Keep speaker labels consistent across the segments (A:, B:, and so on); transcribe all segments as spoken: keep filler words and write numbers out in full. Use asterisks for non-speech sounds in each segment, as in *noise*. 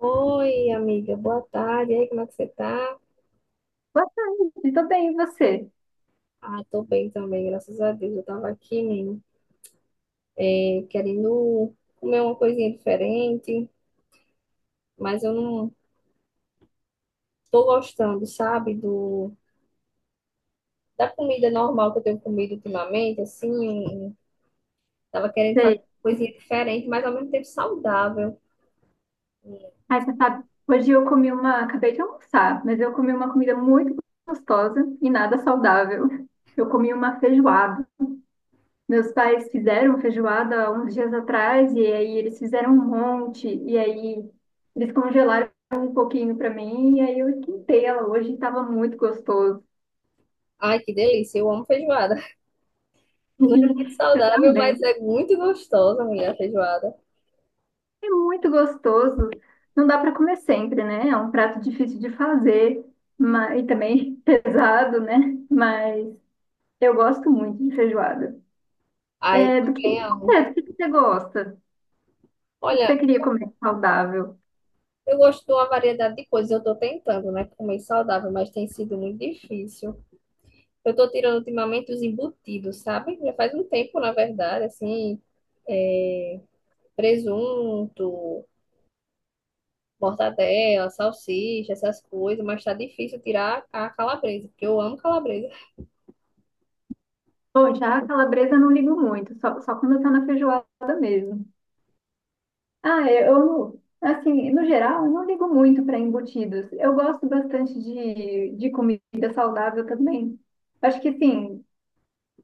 A: Oi, amiga, boa tarde. E aí, como é que você tá?
B: Boa tarde, tô bem, e você?
A: Ah, tô bem também, graças a Deus. Eu tava aqui, menino, eh, querendo comer uma coisinha diferente, mas eu não tô gostando, sabe, do, da comida normal que eu tenho comido ultimamente, assim. Tava querendo fazer
B: Sei.
A: uma coisinha diferente, mas ao mesmo tempo saudável.
B: Ai, você sabe, hoje eu comi uma, acabei de almoçar, mas eu comi uma comida muito gostosa e nada saudável. Eu comi uma feijoada. Meus pais fizeram feijoada há uns dias atrás e aí eles fizeram um monte e aí eles congelaram um pouquinho para mim e aí eu esquentei ela hoje e estava muito gostoso.
A: Ai, que delícia, eu amo feijoada. *laughs* Não é muito
B: *laughs* Eu
A: saudável, mas
B: também.
A: é muito gostosa, mulher, a feijoada.
B: É muito gostoso. Não dá para comer sempre, né? É um prato difícil de fazer, mas, e também *laughs* pesado, né? Mas eu gosto muito de feijoada.
A: Ai, eu
B: É, do que,
A: também
B: de
A: amo.
B: você, do que que você gosta? O que que
A: Olha,
B: você queria comer saudável?
A: eu gosto de uma variedade de coisas. Eu estou tentando, né, comer saudável, mas tem sido muito difícil. Eu estou tirando ultimamente os embutidos, sabe? Já faz um tempo, na verdade, assim, é, presunto, mortadela, salsicha, essas coisas, mas tá difícil tirar a calabresa, porque eu amo calabresa.
B: Bom, já a calabresa eu não ligo muito, só, só quando tá na feijoada mesmo. Ah, é, eu, não- assim, no geral, eu não ligo muito para embutidos. Eu gosto bastante de, de comida saudável também. Acho que sim.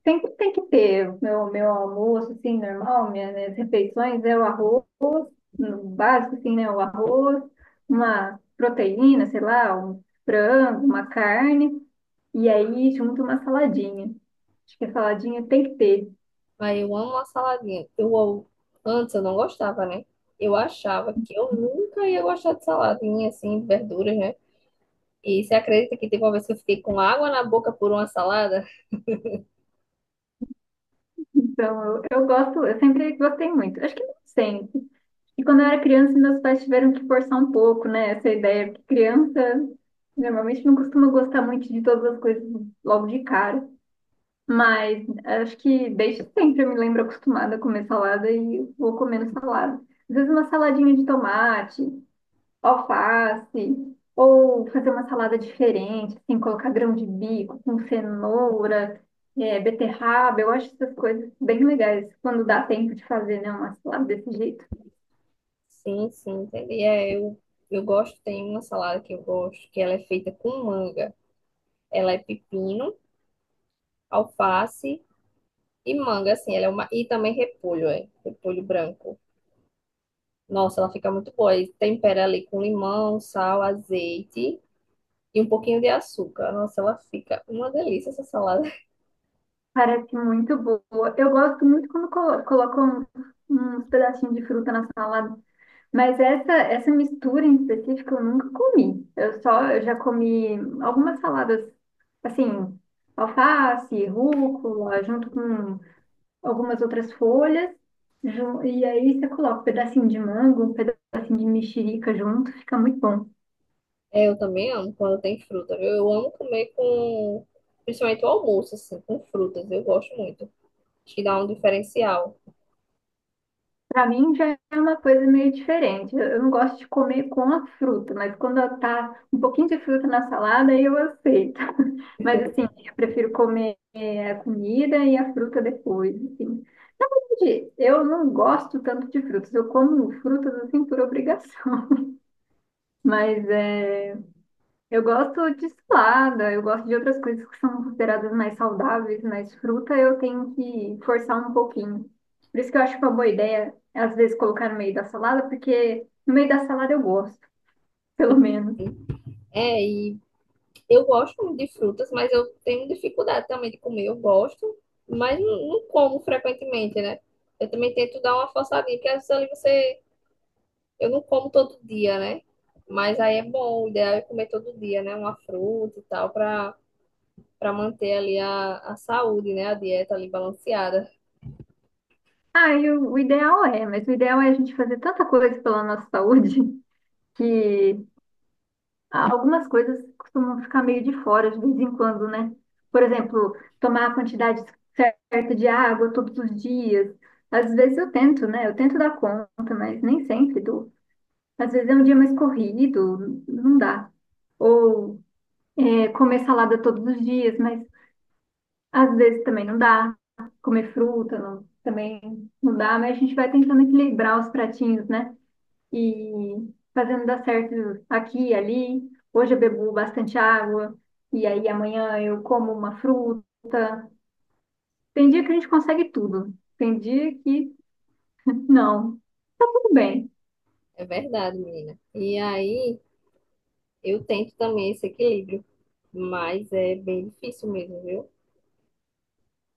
B: Tem, tem que ter o meu, meu almoço, assim, normal, minhas, minhas refeições é o arroz, no básico, assim, né? O arroz, uma proteína, sei lá, um frango, uma carne, e aí junto uma saladinha. Acho que a saladinha tem que ter.
A: Mas eu amo uma saladinha. Eu, eu- antes eu não gostava, né? Eu achava que eu nunca ia gostar de saladinha, assim, de verduras, né? E você acredita que teve uma vez que eu fiquei com água na boca por uma salada?
B: Então, eu, eu gosto, eu sempre gostei muito. Acho que não sempre. E quando eu era criança, meus pais tiveram que forçar um pouco, né? Essa ideia, porque criança normalmente não costuma gostar muito de todas as coisas logo de cara. Mas acho que desde sempre eu me lembro acostumada a comer salada e vou comendo salada. Às vezes uma saladinha de tomate, alface, ou fazer uma salada diferente, assim, colocar grão de bico com cenoura, é, beterraba. Eu acho essas coisas bem legais quando dá tempo de fazer, né, uma salada desse jeito.
A: Sim, sim, entendi. É, eu, eu gosto, tem uma salada que eu gosto, que ela é feita com manga. Ela é pepino, alface e manga, assim, ela é uma, e também repolho, é, repolho branco. Nossa, ela fica muito boa. E tempera ali com limão, sal, azeite e um pouquinho de açúcar. Nossa, ela fica uma delícia essa salada. *laughs*
B: Parece muito boa. Eu gosto muito quando colo- colocam uns pedacinhos de fruta na salada. Mas essa, essa mistura em específico eu nunca comi. Eu só, eu já comi algumas saladas, assim, alface, rúcula, junto com algumas outras folhas. ju- E aí você coloca um pedacinho de mango, um pedacinho de mexerica junto, fica muito bom.
A: É, eu também amo quando tem fruta, viu? Eu amo comer com, principalmente o almoço, assim, com frutas. Eu gosto muito. Acho que dá um diferencial.
B: Pra mim já é uma coisa meio diferente. Eu eu não gosto de comer com a fruta, mas quando eu tá um pouquinho de fruta na salada, aí eu aceito. *laughs* Mas assim, eu prefiro comer eh, a comida e a fruta depois, assim. Gente, eu não gosto tanto de frutas. Eu como frutas assim por obrigação. *laughs* Mas é, eu gosto de salada, eu gosto de outras coisas que são consideradas mais saudáveis, mas fruta eu tenho que forçar um pouquinho. Por isso que eu acho uma boa ideia, às vezes, colocar no meio da salada, porque no meio da salada eu gosto, *laughs* pelo menos.
A: É, e Eu gosto muito de frutas, mas eu tenho dificuldade também de comer. Eu gosto, mas não, não como frequentemente, né? Eu também tento dar uma forçadinha, porque às vezes ali você. Eu não como todo dia, né? Mas aí é bom, o ideal é comer todo dia, né? Uma fruta e tal, pra, pra manter ali a, a saúde, né? A dieta ali balanceada.
B: Ah, e o, o ideal é, mas o ideal é a gente fazer tanta coisa pela nossa saúde *laughs* que Ah, algumas coisas costumam ficar meio de fora de vez em quando, né? Por exemplo, tomar a quantidade certa de água todos os dias. Às vezes eu tento, né? Eu tento dar conta, mas nem sempre dou. Às vezes é um dia mais corrido, não dá. Ou é, comer salada todos os dias, mas às vezes também não dá. Comer fruta não- Também não dá, mas a gente vai tentando equilibrar os pratinhos, né? E fazendo dar certo aqui e ali. Hoje eu bebo bastante água, e aí amanhã eu como uma fruta. Tem dia que a gente consegue tudo, tem dia que não. Tudo bem.
A: É verdade, menina. E aí eu tento também esse equilíbrio, mas é bem difícil mesmo, viu?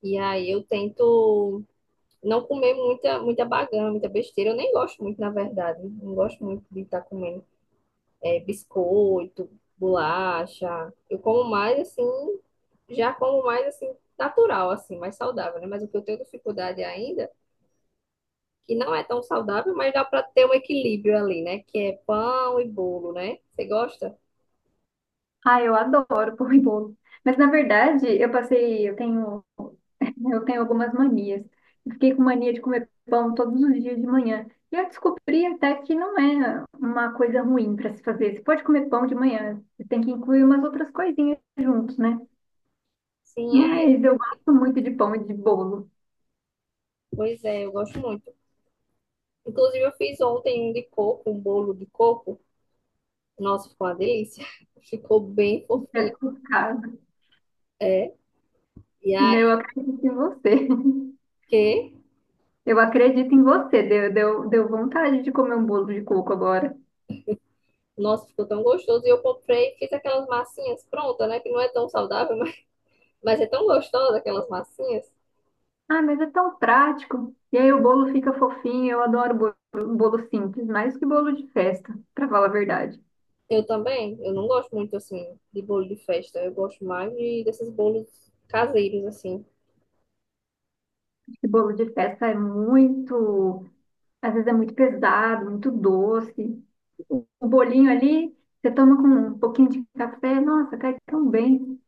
A: E aí eu tento não comer muita, muita bagana, muita besteira. Eu nem gosto muito, na verdade. Não gosto muito de estar comendo é, biscoito, bolacha. Eu como mais assim, já como mais assim, natural, assim, mais saudável, né? Mas o que eu tenho dificuldade ainda, que não é tão saudável, mas dá para ter um equilíbrio ali, né? Que é pão e bolo, né? Você gosta?
B: Ah, eu adoro pão e bolo. Mas na verdade, eu passei, eu tenho, *laughs* eu tenho algumas manias. Eu fiquei com mania de comer pão todos os dias de manhã. E eu descobri até que não é uma coisa ruim para se fazer. Você pode comer pão de manhã, você tem que incluir umas outras coisinhas juntos, né?
A: Sim, é.
B: Mas eu gosto muito de pão e de bolo.
A: Pois é, eu gosto muito. Inclusive, eu fiz ontem um de coco, um bolo de coco. Nossa, ficou uma delícia. *laughs* Ficou bem
B: É
A: fofinho.
B: por causa.
A: É. E aí
B: Né? Eu acredito em você. *laughs*
A: que,
B: Eu acredito em você. Deu, deu, deu vontade de comer um bolo de coco agora.
A: nossa, ficou tão gostoso. E eu comprei, fiz aquelas massinhas prontas, né? Que não é tão saudável, *laughs* mas, mas é tão gostosa aquelas massinhas.
B: Ah, mas é tão prático. E aí o bolo fica fofinho. Eu adoro bolo, bolo simples, mais que bolo de festa, para falar a verdade.
A: Eu também, eu não gosto muito assim de bolo de festa. Eu gosto mais de, desses bolos caseiros, assim.
B: Esse bolo de festa é muito, às vezes é muito pesado, muito doce. O, o bolinho ali, você toma com um pouquinho de café, nossa, cai tão bem.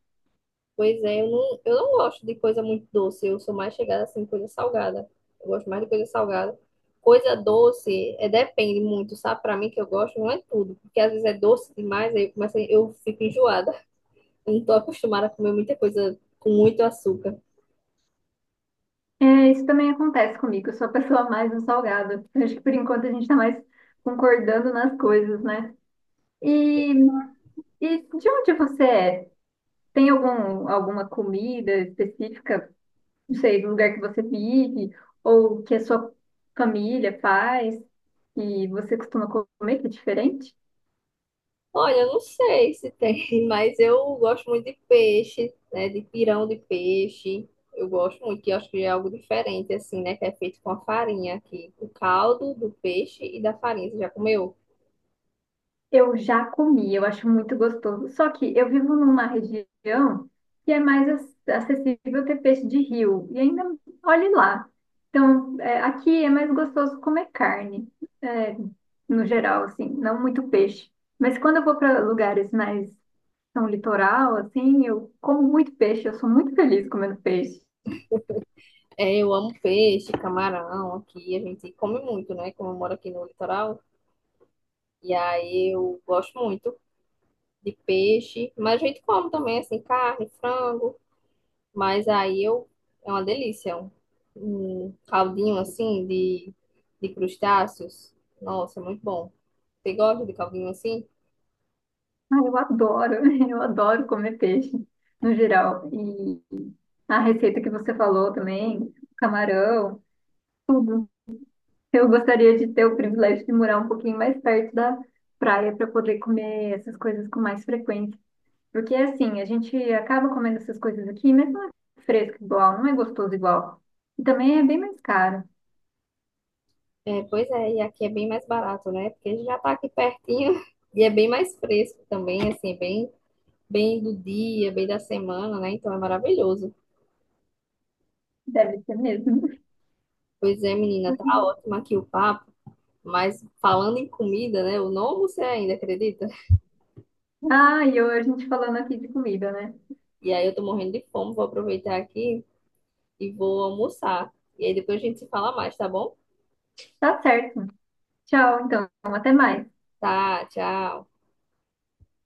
A: Pois é, eu não, eu não gosto de coisa muito doce. Eu sou mais chegada assim, coisa salgada. Eu gosto mais de coisa salgada. Coisa doce, é, depende muito, sabe? Pra mim que eu gosto, não é tudo. Porque às vezes é doce demais, aí eu, começo, a- eu fico enjoada. Eu não tô acostumada a comer muita coisa com muito açúcar.
B: É, isso também acontece comigo. Eu sou a pessoa mais no salgado. Eu acho que por enquanto a gente está mais concordando nas coisas, né? E, e de onde você é? Tem algum, alguma comida específica, não sei, do lugar que você vive, ou que a sua família faz, e você costuma comer, que é diferente?
A: Olha, eu não sei se tem, *laughs* mas eu gosto muito de peixe, né? De pirão de peixe. Eu gosto muito, que eu acho que é algo diferente, assim, né? Que é feito com a farinha aqui. O caldo do peixe e da farinha. Você já comeu?
B: Eu já comi, eu acho muito gostoso. Só que eu vivo numa região que é mais ac- acessível ter peixe de rio. E ainda, olhe lá. Então, é, aqui é mais gostoso comer carne, é, no geral, assim, não muito peixe. Mas quando eu vou para lugares mais são litoral, assim, eu como muito peixe, eu sou muito feliz comendo peixe.
A: É, eu amo peixe, camarão aqui. A gente come muito, né? Como eu moro aqui no litoral. E aí eu gosto muito de peixe. Mas a gente come também, assim, carne, frango. Mas aí eu é uma delícia. É um, um caldinho assim de, de crustáceos. Nossa, é muito bom. Você gosta de caldinho assim?
B: Ah, eu adoro, *laughs* eu adoro comer peixe, no geral. E a receita que você falou também, camarão. Eu gostaria de ter o privilégio de morar um pouquinho mais perto da praia para poder comer essas coisas com mais frequência. Porque assim, a gente acaba comendo essas coisas aqui, mas não é fresco igual, não é gostoso igual. E também é bem mais caro.
A: É, pois é, e aqui é bem mais barato, né? Porque já tá aqui pertinho *laughs* e é bem mais fresco também, assim, é bem, bem do dia, bem da semana, né? Então é maravilhoso.
B: Deve ser mesmo.
A: Pois é, menina, tá
B: *laughs*
A: ótimo aqui o papo, mas falando em comida, né? Eu não almocei ainda, acredita?
B: Ah, e eu, a gente falando aqui de comida, né?
A: E aí eu tô morrendo de fome, vou aproveitar aqui e vou almoçar. E aí depois a gente se fala mais, tá bom?
B: Tá certo. Tchau, então. Até mais.
A: Tá, tchau.